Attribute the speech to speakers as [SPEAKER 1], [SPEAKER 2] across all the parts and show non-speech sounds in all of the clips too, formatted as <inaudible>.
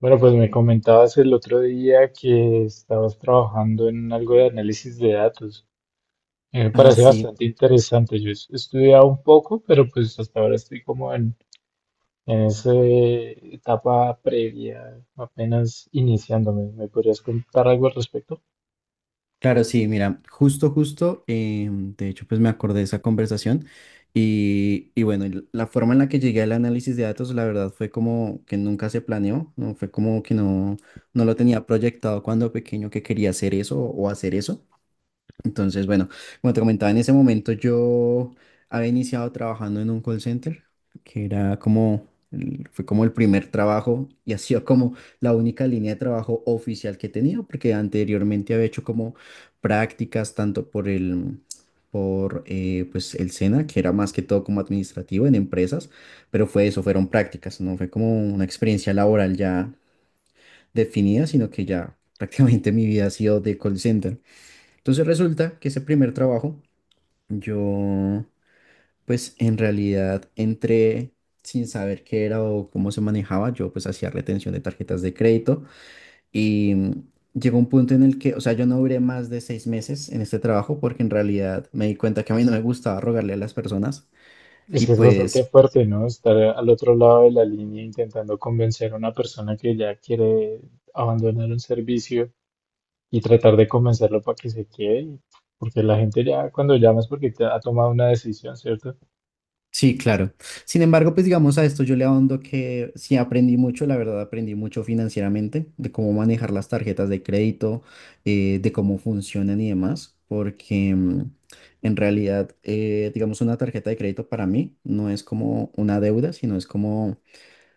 [SPEAKER 1] Bueno, pues me comentabas el otro día que estabas trabajando en algo de análisis de datos. Me
[SPEAKER 2] Ah,
[SPEAKER 1] parece
[SPEAKER 2] sí,
[SPEAKER 1] bastante interesante. Yo he estudiado un poco, pero pues hasta ahora estoy como en esa etapa previa, apenas iniciándome. ¿Me podrías contar algo al respecto?
[SPEAKER 2] claro, sí, mira, de hecho, pues me acordé de esa conversación y bueno, la forma en la que llegué al análisis de datos, la verdad, fue como que nunca se planeó, no fue como que no, no lo tenía proyectado cuando pequeño que quería hacer eso o hacer eso. Entonces, bueno, como te comentaba, en ese momento yo había iniciado trabajando en un call center, que era como, fue como el primer trabajo y ha sido como la única línea de trabajo oficial que tenía, porque anteriormente había hecho como prácticas tanto por el, por pues el SENA, que era más que todo como administrativo en empresas, pero fue eso, fueron prácticas, no fue como una experiencia laboral ya definida, sino que ya prácticamente mi vida ha sido de call center. Entonces resulta que ese primer trabajo, yo pues en realidad entré sin saber qué era o cómo se manejaba, yo pues hacía retención de tarjetas de crédito y llegó un punto en el que, o sea, yo no duré más de 6 meses en este trabajo porque en realidad me di cuenta que a mí no me gustaba rogarle a las personas
[SPEAKER 1] Es
[SPEAKER 2] y
[SPEAKER 1] que es bastante
[SPEAKER 2] pues,
[SPEAKER 1] fuerte, ¿no? Estar al otro lado de la línea intentando convencer a una persona que ya quiere abandonar un servicio y tratar de convencerlo para que se quede, porque la gente ya cuando llamas porque te ha tomado una decisión, ¿cierto?
[SPEAKER 2] sí, claro. Sin embargo, pues digamos a esto yo le ahondo que sí aprendí mucho, la verdad aprendí mucho financieramente, de cómo manejar las tarjetas de crédito, de cómo funcionan y demás, porque en realidad, digamos, una tarjeta de crédito para mí no es como una deuda, sino es como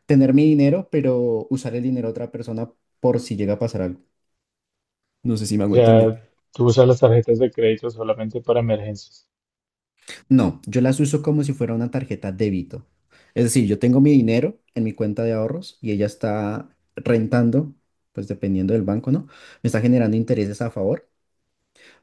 [SPEAKER 2] tener mi dinero, pero usar el dinero de otra persona por si llega a pasar algo. No sé si me
[SPEAKER 1] O
[SPEAKER 2] hago entender.
[SPEAKER 1] sea, tú usas las tarjetas de crédito solamente para emergencias.
[SPEAKER 2] No, yo las uso como si fuera una tarjeta débito. Es decir, yo tengo mi dinero en mi cuenta de ahorros y ella está rentando, pues dependiendo del banco, ¿no? Me está generando intereses a favor,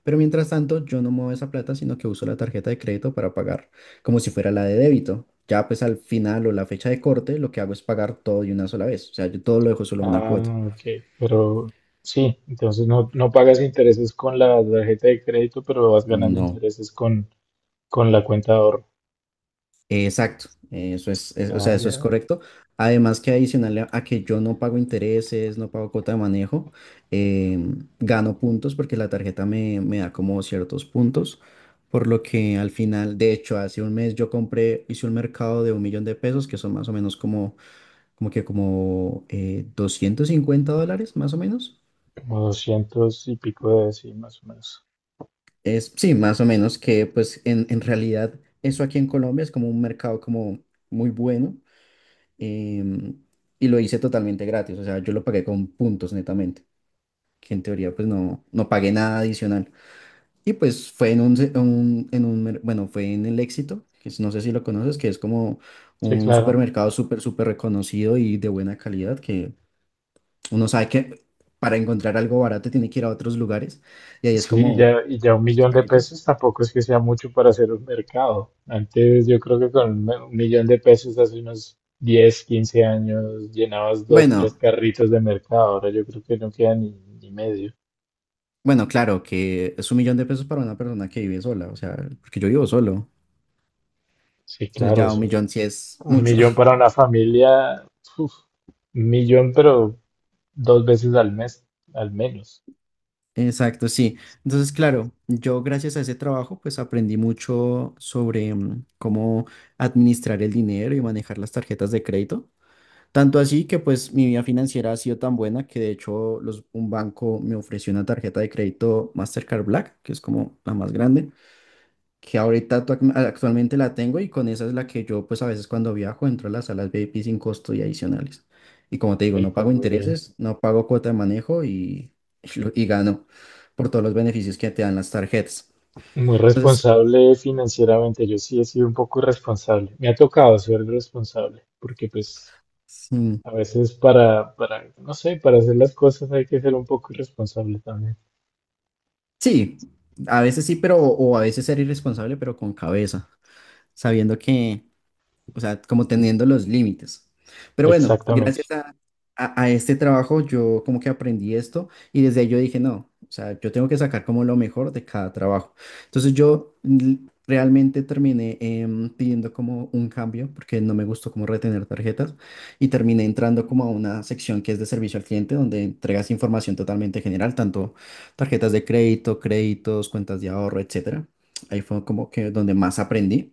[SPEAKER 2] pero mientras tanto yo no muevo esa plata, sino que uso la tarjeta de crédito para pagar como si fuera la de débito. Ya pues al final o la fecha de corte, lo que hago es pagar todo de una sola vez. O sea, yo todo lo dejo solo en una
[SPEAKER 1] Ah,
[SPEAKER 2] cuota.
[SPEAKER 1] ok, pero sí, entonces no pagas intereses con la tarjeta de crédito, pero vas ganando
[SPEAKER 2] No.
[SPEAKER 1] intereses con la cuenta de ahorro.
[SPEAKER 2] Exacto, eso es, o sea,
[SPEAKER 1] Ah,
[SPEAKER 2] eso es
[SPEAKER 1] ya,
[SPEAKER 2] correcto. Además que adicional a que yo no pago intereses, no pago cuota de manejo, gano puntos porque la tarjeta me, me da como ciertos puntos, por lo que al final, de hecho, hace un mes yo compré, hice un mercado de un millón de pesos, que son más o menos como 250 dólares, más o menos.
[SPEAKER 1] como 200 y pico de sí, más o menos.
[SPEAKER 2] Es, sí, más o menos que pues en realidad eso aquí en Colombia es como un mercado como muy bueno. em, y lo hice totalmente gratis, o sea, yo lo pagué con puntos netamente, que en teoría pues no, no pagué nada adicional. Y pues fue en un, se- un- en un, mer- bueno, fue en el Éxito, que no sé si lo conoces, que es como
[SPEAKER 1] Sí,
[SPEAKER 2] un
[SPEAKER 1] claro.
[SPEAKER 2] supermercado súper, súper reconocido y de buena calidad, que uno sabe que para encontrar algo barato tiene que ir a otros lugares, y ahí es
[SPEAKER 1] Sí,
[SPEAKER 2] como...
[SPEAKER 1] ya, y ya un
[SPEAKER 2] Esos
[SPEAKER 1] millón de
[SPEAKER 2] caritos.
[SPEAKER 1] pesos tampoco es que sea mucho para hacer un mercado. Antes yo creo que con 1 millón de pesos hace unos 10, 15 años llenabas dos, tres
[SPEAKER 2] Bueno,
[SPEAKER 1] carritos de mercado. Ahora yo creo que no queda ni medio.
[SPEAKER 2] bueno, claro que es un millón de pesos para una persona que vive sola, o sea, porque yo vivo solo,
[SPEAKER 1] Sí,
[SPEAKER 2] entonces
[SPEAKER 1] claro,
[SPEAKER 2] ya un millón sí es
[SPEAKER 1] un
[SPEAKER 2] mucho.
[SPEAKER 1] millón para una familia, uf, 1 millón pero dos veces al mes, al menos.
[SPEAKER 2] Exacto, sí. Entonces, claro, yo gracias a ese trabajo, pues aprendí mucho sobre cómo administrar el dinero y manejar las tarjetas de crédito. Tanto así que pues mi vida financiera ha sido tan buena que de hecho un banco me ofreció una tarjeta de crédito Mastercard Black, que es como la más grande que ahorita actualmente la tengo y con esa es la que yo pues a veces cuando viajo entro a las salas VIP sin costo y adicionales. Y como te digo,
[SPEAKER 1] Y
[SPEAKER 2] no
[SPEAKER 1] pues
[SPEAKER 2] pago
[SPEAKER 1] muy bien.
[SPEAKER 2] intereses, no pago cuota de manejo y, <laughs> y, y gano por todos los beneficios que te dan las tarjetas.
[SPEAKER 1] Muy
[SPEAKER 2] Entonces,
[SPEAKER 1] responsable financieramente. Yo sí he sido un poco irresponsable. Me ha tocado ser responsable porque pues...
[SPEAKER 2] mm,
[SPEAKER 1] A veces no sé, para hacer las cosas hay que ser un poco irresponsable también.
[SPEAKER 2] sí, a veces sí, pero o a veces ser irresponsable, pero con cabeza, sabiendo que, o sea, como teniendo los límites. Pero bueno, gracias
[SPEAKER 1] Exactamente.
[SPEAKER 2] a este trabajo yo como que aprendí esto y desde ahí yo dije, no, o sea, yo tengo que sacar como lo mejor de cada trabajo. Entonces yo realmente terminé, pidiendo como un cambio porque no me gustó como retener tarjetas y terminé entrando como a una sección que es de servicio al cliente donde entregas información totalmente general, tanto tarjetas de crédito, créditos, cuentas de ahorro, etcétera. Ahí fue como que donde más aprendí.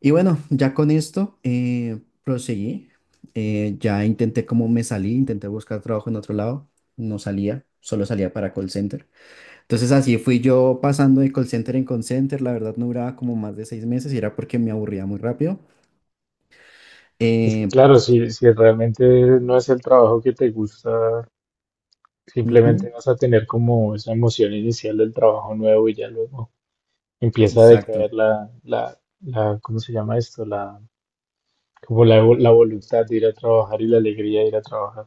[SPEAKER 2] Y bueno, ya con esto proseguí. Ya intenté como me salí, intenté buscar trabajo en otro lado. No salía, solo salía para call center. Entonces así fui yo pasando de call center en call center. La verdad no duraba como más de 6 meses y era porque me aburría muy rápido.
[SPEAKER 1] Es que,
[SPEAKER 2] Eh,
[SPEAKER 1] claro, si realmente no es el trabajo que te gusta,
[SPEAKER 2] ujú,
[SPEAKER 1] simplemente vas a tener como esa emoción inicial del trabajo nuevo y ya luego empieza a
[SPEAKER 2] exacto.
[SPEAKER 1] decaer la, ¿cómo se llama esto? Como la voluntad de ir a trabajar y la alegría de ir a trabajar.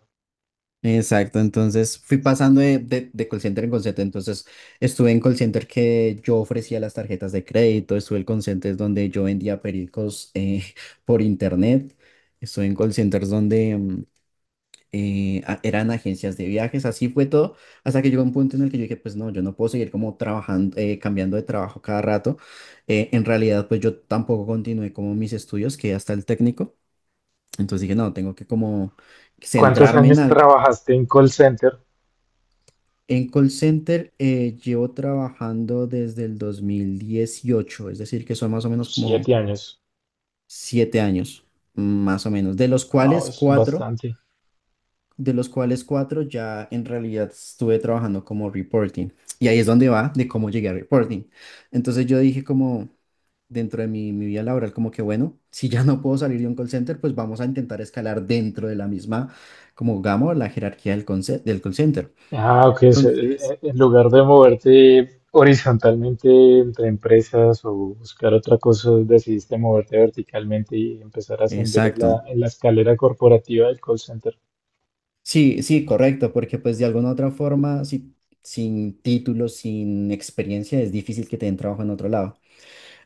[SPEAKER 2] Exacto, entonces fui pasando de call center en call center, entonces estuve en call center que yo ofrecía las tarjetas de crédito, estuve en call centers donde yo vendía pericos, <laughs> por internet, estuve en call centers donde eran agencias de viajes, así fue todo, hasta que llegó un punto en el que yo dije, pues no, yo no puedo seguir como trabajando, cambiando de trabajo cada rato. En realidad pues yo tampoco continué como mis estudios, que hasta el técnico, entonces dije, no, tengo que como
[SPEAKER 1] ¿Cuántos
[SPEAKER 2] centrarme en
[SPEAKER 1] años
[SPEAKER 2] algo.
[SPEAKER 1] trabajaste en call center?
[SPEAKER 2] En call center llevo trabajando desde el 2018, es decir, que son más o menos como
[SPEAKER 1] 7 años.
[SPEAKER 2] 7 años, más o menos, de los
[SPEAKER 1] Wow,
[SPEAKER 2] cuales
[SPEAKER 1] es
[SPEAKER 2] cuatro,
[SPEAKER 1] bastante.
[SPEAKER 2] de los cuales cuatro ya en realidad estuve trabajando como reporting. Y ahí es donde va de cómo llegué a reporting. Entonces yo dije como dentro de mi vida laboral, como que bueno, si ya no puedo salir de un call center, pues vamos a intentar escalar dentro de la misma, como gama, la jerarquía del call center.
[SPEAKER 1] Ah, ok.
[SPEAKER 2] Entonces,
[SPEAKER 1] En lugar de moverte horizontalmente entre empresas o buscar otra cosa, decidiste moverte verticalmente y empezar a ascender en
[SPEAKER 2] exacto.
[SPEAKER 1] la escalera corporativa del call center.
[SPEAKER 2] Sí, sí, correcto, porque pues de alguna otra forma, sin título, sin experiencia, es difícil que te den trabajo en otro lado.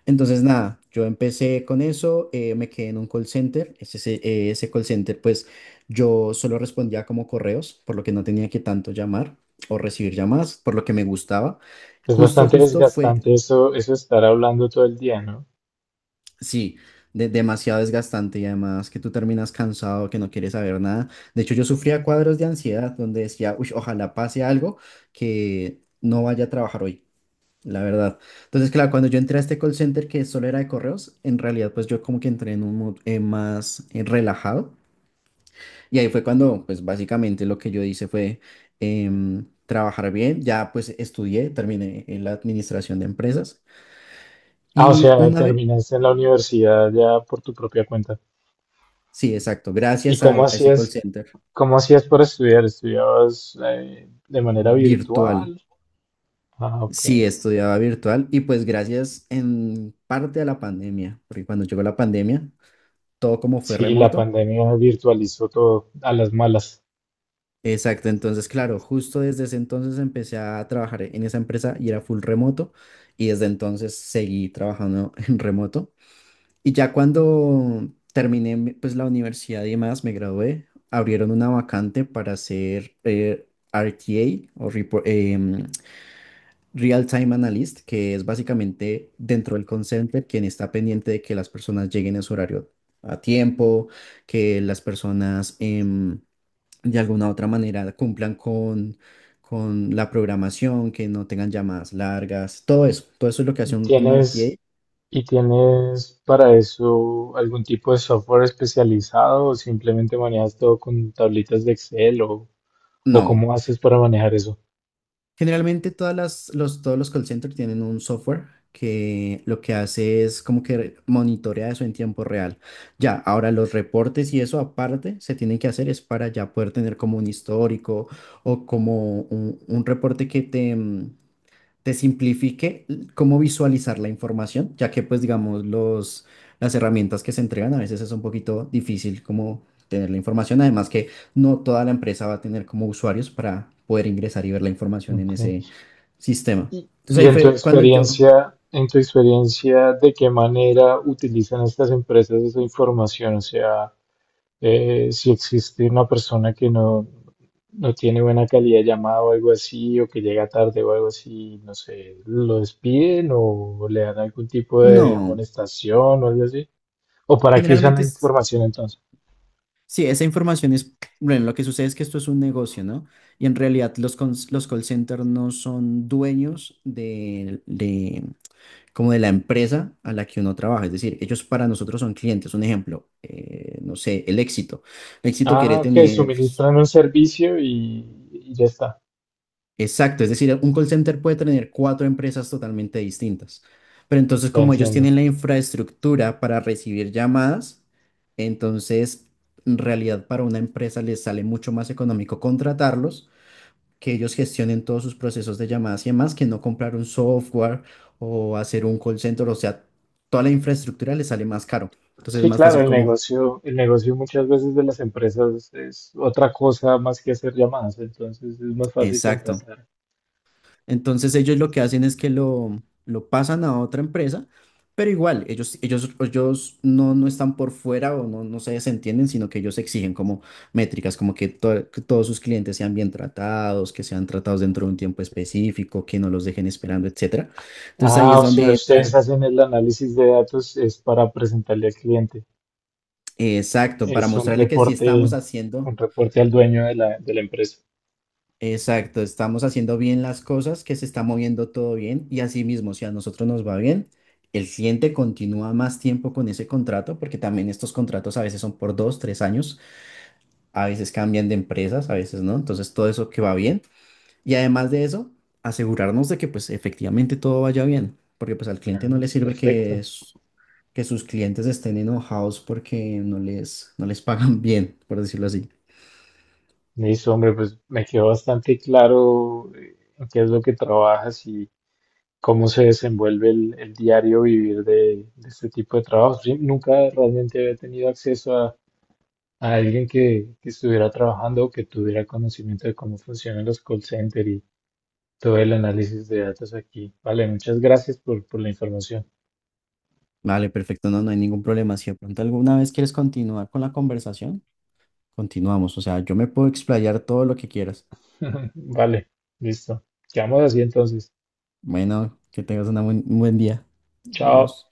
[SPEAKER 2] Entonces, nada, yo empecé con eso, me quedé en un call center, ese call center pues yo solo respondía como correos, por lo que no tenía que tanto llamar o recibir llamadas, por lo que me gustaba.
[SPEAKER 1] Es
[SPEAKER 2] Justo,
[SPEAKER 1] bastante
[SPEAKER 2] justo fue.
[SPEAKER 1] desgastante eso, eso estar hablando todo el día, ¿no?
[SPEAKER 2] Sí, demasiado desgastante y además que tú terminas cansado, que no quieres saber nada. De hecho, yo sufría cuadros de ansiedad donde decía, uy, ojalá pase algo que no vaya a trabajar hoy, la verdad. Entonces, claro, cuando yo entré a este call center que solo era de correos, en realidad pues yo como que entré en un mood más relajado y ahí fue cuando pues básicamente lo que yo hice fue, trabajar bien, ya pues estudié, terminé en la administración de empresas
[SPEAKER 1] Ah, o
[SPEAKER 2] y
[SPEAKER 1] sea,
[SPEAKER 2] una vez,
[SPEAKER 1] terminaste en la universidad ya por tu propia cuenta.
[SPEAKER 2] sí, exacto,
[SPEAKER 1] ¿Y
[SPEAKER 2] gracias a ese call center.
[SPEAKER 1] cómo hacías para estudiar? ¿Estudiabas de manera
[SPEAKER 2] Virtual.
[SPEAKER 1] virtual? Ah, ok.
[SPEAKER 2] Sí, estudiaba virtual y pues gracias en parte a la pandemia, porque cuando llegó la pandemia, todo como fue
[SPEAKER 1] Sí, la
[SPEAKER 2] remoto.
[SPEAKER 1] pandemia virtualizó todo a las malas.
[SPEAKER 2] Exacto, entonces claro, justo desde ese entonces empecé a trabajar en esa empresa y era full remoto y desde entonces seguí trabajando <laughs> en remoto. Y ya cuando terminé pues la universidad y demás, me gradué, abrieron una vacante para ser, RTA o Real Time Analyst, que es básicamente dentro del call center quien está pendiente de que las personas lleguen a su horario a tiempo, que las personas, de alguna u otra manera cumplan con la programación, que no tengan llamadas largas, todo eso es lo que hace un
[SPEAKER 1] ¿Tienes
[SPEAKER 2] RTA.
[SPEAKER 1] y tienes para eso algún tipo de software especializado o simplemente manejas todo con tablitas de Excel o
[SPEAKER 2] No.
[SPEAKER 1] cómo haces para manejar eso?
[SPEAKER 2] Generalmente todas las, los, todos los call centers tienen un software que lo que hace es como que monitorea eso en tiempo real. Ya, ahora los reportes y eso aparte se tienen que hacer es para ya poder tener como un histórico o como un reporte que te simplifique cómo visualizar la información, ya que pues digamos los, las herramientas que se entregan a veces es un poquito difícil como tener la información, además que no toda la empresa va a tener como usuarios para poder ingresar y ver la información en
[SPEAKER 1] Ok.
[SPEAKER 2] ese sistema.
[SPEAKER 1] Y,
[SPEAKER 2] Entonces
[SPEAKER 1] y
[SPEAKER 2] ahí fue cuando yo,
[SPEAKER 1] en tu experiencia, ¿de qué manera utilizan estas empresas esa información? O sea, si existe una persona que no tiene buena calidad de llamada o algo así, o que llega tarde o algo así, no sé, lo despiden o le dan algún tipo de
[SPEAKER 2] no,
[SPEAKER 1] amonestación o algo así. ¿O para qué usan
[SPEAKER 2] generalmente
[SPEAKER 1] la
[SPEAKER 2] es,
[SPEAKER 1] información entonces?
[SPEAKER 2] sí, esa información es, bueno, lo que sucede es que esto es un negocio, ¿no? Y en realidad los call centers no son dueños de, como de la empresa a la que uno trabaja. Es decir, ellos para nosotros son clientes. Un ejemplo, no sé, el Éxito. El Éxito
[SPEAKER 1] Ah,
[SPEAKER 2] quiere
[SPEAKER 1] ok,
[SPEAKER 2] tener,
[SPEAKER 1] suministran un servicio y ya está,
[SPEAKER 2] exacto, es decir, un call center puede tener cuatro empresas totalmente distintas. Pero entonces,
[SPEAKER 1] ya
[SPEAKER 2] como ellos
[SPEAKER 1] entiendo.
[SPEAKER 2] tienen la infraestructura para recibir llamadas, entonces, en realidad para una empresa les sale mucho más económico contratarlos que ellos gestionen todos sus procesos de llamadas y demás, que no comprar un software o hacer un call center, o sea, toda la infraestructura les sale más caro. Entonces es
[SPEAKER 1] Sí,
[SPEAKER 2] más
[SPEAKER 1] claro,
[SPEAKER 2] fácil como,
[SPEAKER 1] el negocio muchas veces de las empresas es otra cosa más que hacer llamadas, entonces es más fácil
[SPEAKER 2] exacto.
[SPEAKER 1] contratar.
[SPEAKER 2] Entonces ellos lo que hacen es que lo pasan a otra empresa, pero igual, ellos no, no están por fuera o no, no se desentienden, sino que ellos exigen como métricas, como que, que todos sus clientes sean bien tratados, que sean tratados dentro de un tiempo específico, que no los dejen esperando, etcétera. Entonces ahí
[SPEAKER 1] Ah,
[SPEAKER 2] es
[SPEAKER 1] o sea,
[SPEAKER 2] donde
[SPEAKER 1] ustedes
[SPEAKER 2] entra.
[SPEAKER 1] hacen el análisis de datos es para presentarle al cliente.
[SPEAKER 2] Exacto, para
[SPEAKER 1] Es
[SPEAKER 2] mostrarle que sí estamos
[SPEAKER 1] un
[SPEAKER 2] haciendo,
[SPEAKER 1] reporte al dueño de la empresa.
[SPEAKER 2] exacto, estamos haciendo bien las cosas, que se está moviendo todo bien y así mismo, si a nosotros nos va bien, el cliente continúa más tiempo con ese contrato, porque también estos contratos a veces son por dos, tres años, a veces cambian de empresas, a veces no, entonces todo eso que va bien y además de eso, asegurarnos de que pues efectivamente todo vaya bien, porque pues al
[SPEAKER 1] Ah,
[SPEAKER 2] cliente no le sirve que,
[SPEAKER 1] perfecto.
[SPEAKER 2] que sus clientes estén enojados porque no les, no les pagan <laughs> bien, por decirlo así.
[SPEAKER 1] Listo, hombre, pues me quedó bastante claro en qué es lo que trabajas y cómo se desenvuelve el diario vivir de este tipo de trabajo. Sí, nunca realmente había tenido acceso a alguien que estuviera trabajando o que tuviera conocimiento de cómo funcionan los call centers y todo el análisis de datos aquí. Vale, muchas gracias por la información.
[SPEAKER 2] Vale, perfecto, no, no hay ningún problema. Si de pronto alguna vez quieres continuar con la conversación, continuamos. O sea, yo me puedo explayar todo lo que quieras.
[SPEAKER 1] <laughs> Vale, listo. Quedamos así entonces.
[SPEAKER 2] Bueno, que tengas una un buen día.
[SPEAKER 1] Chao.
[SPEAKER 2] Dios.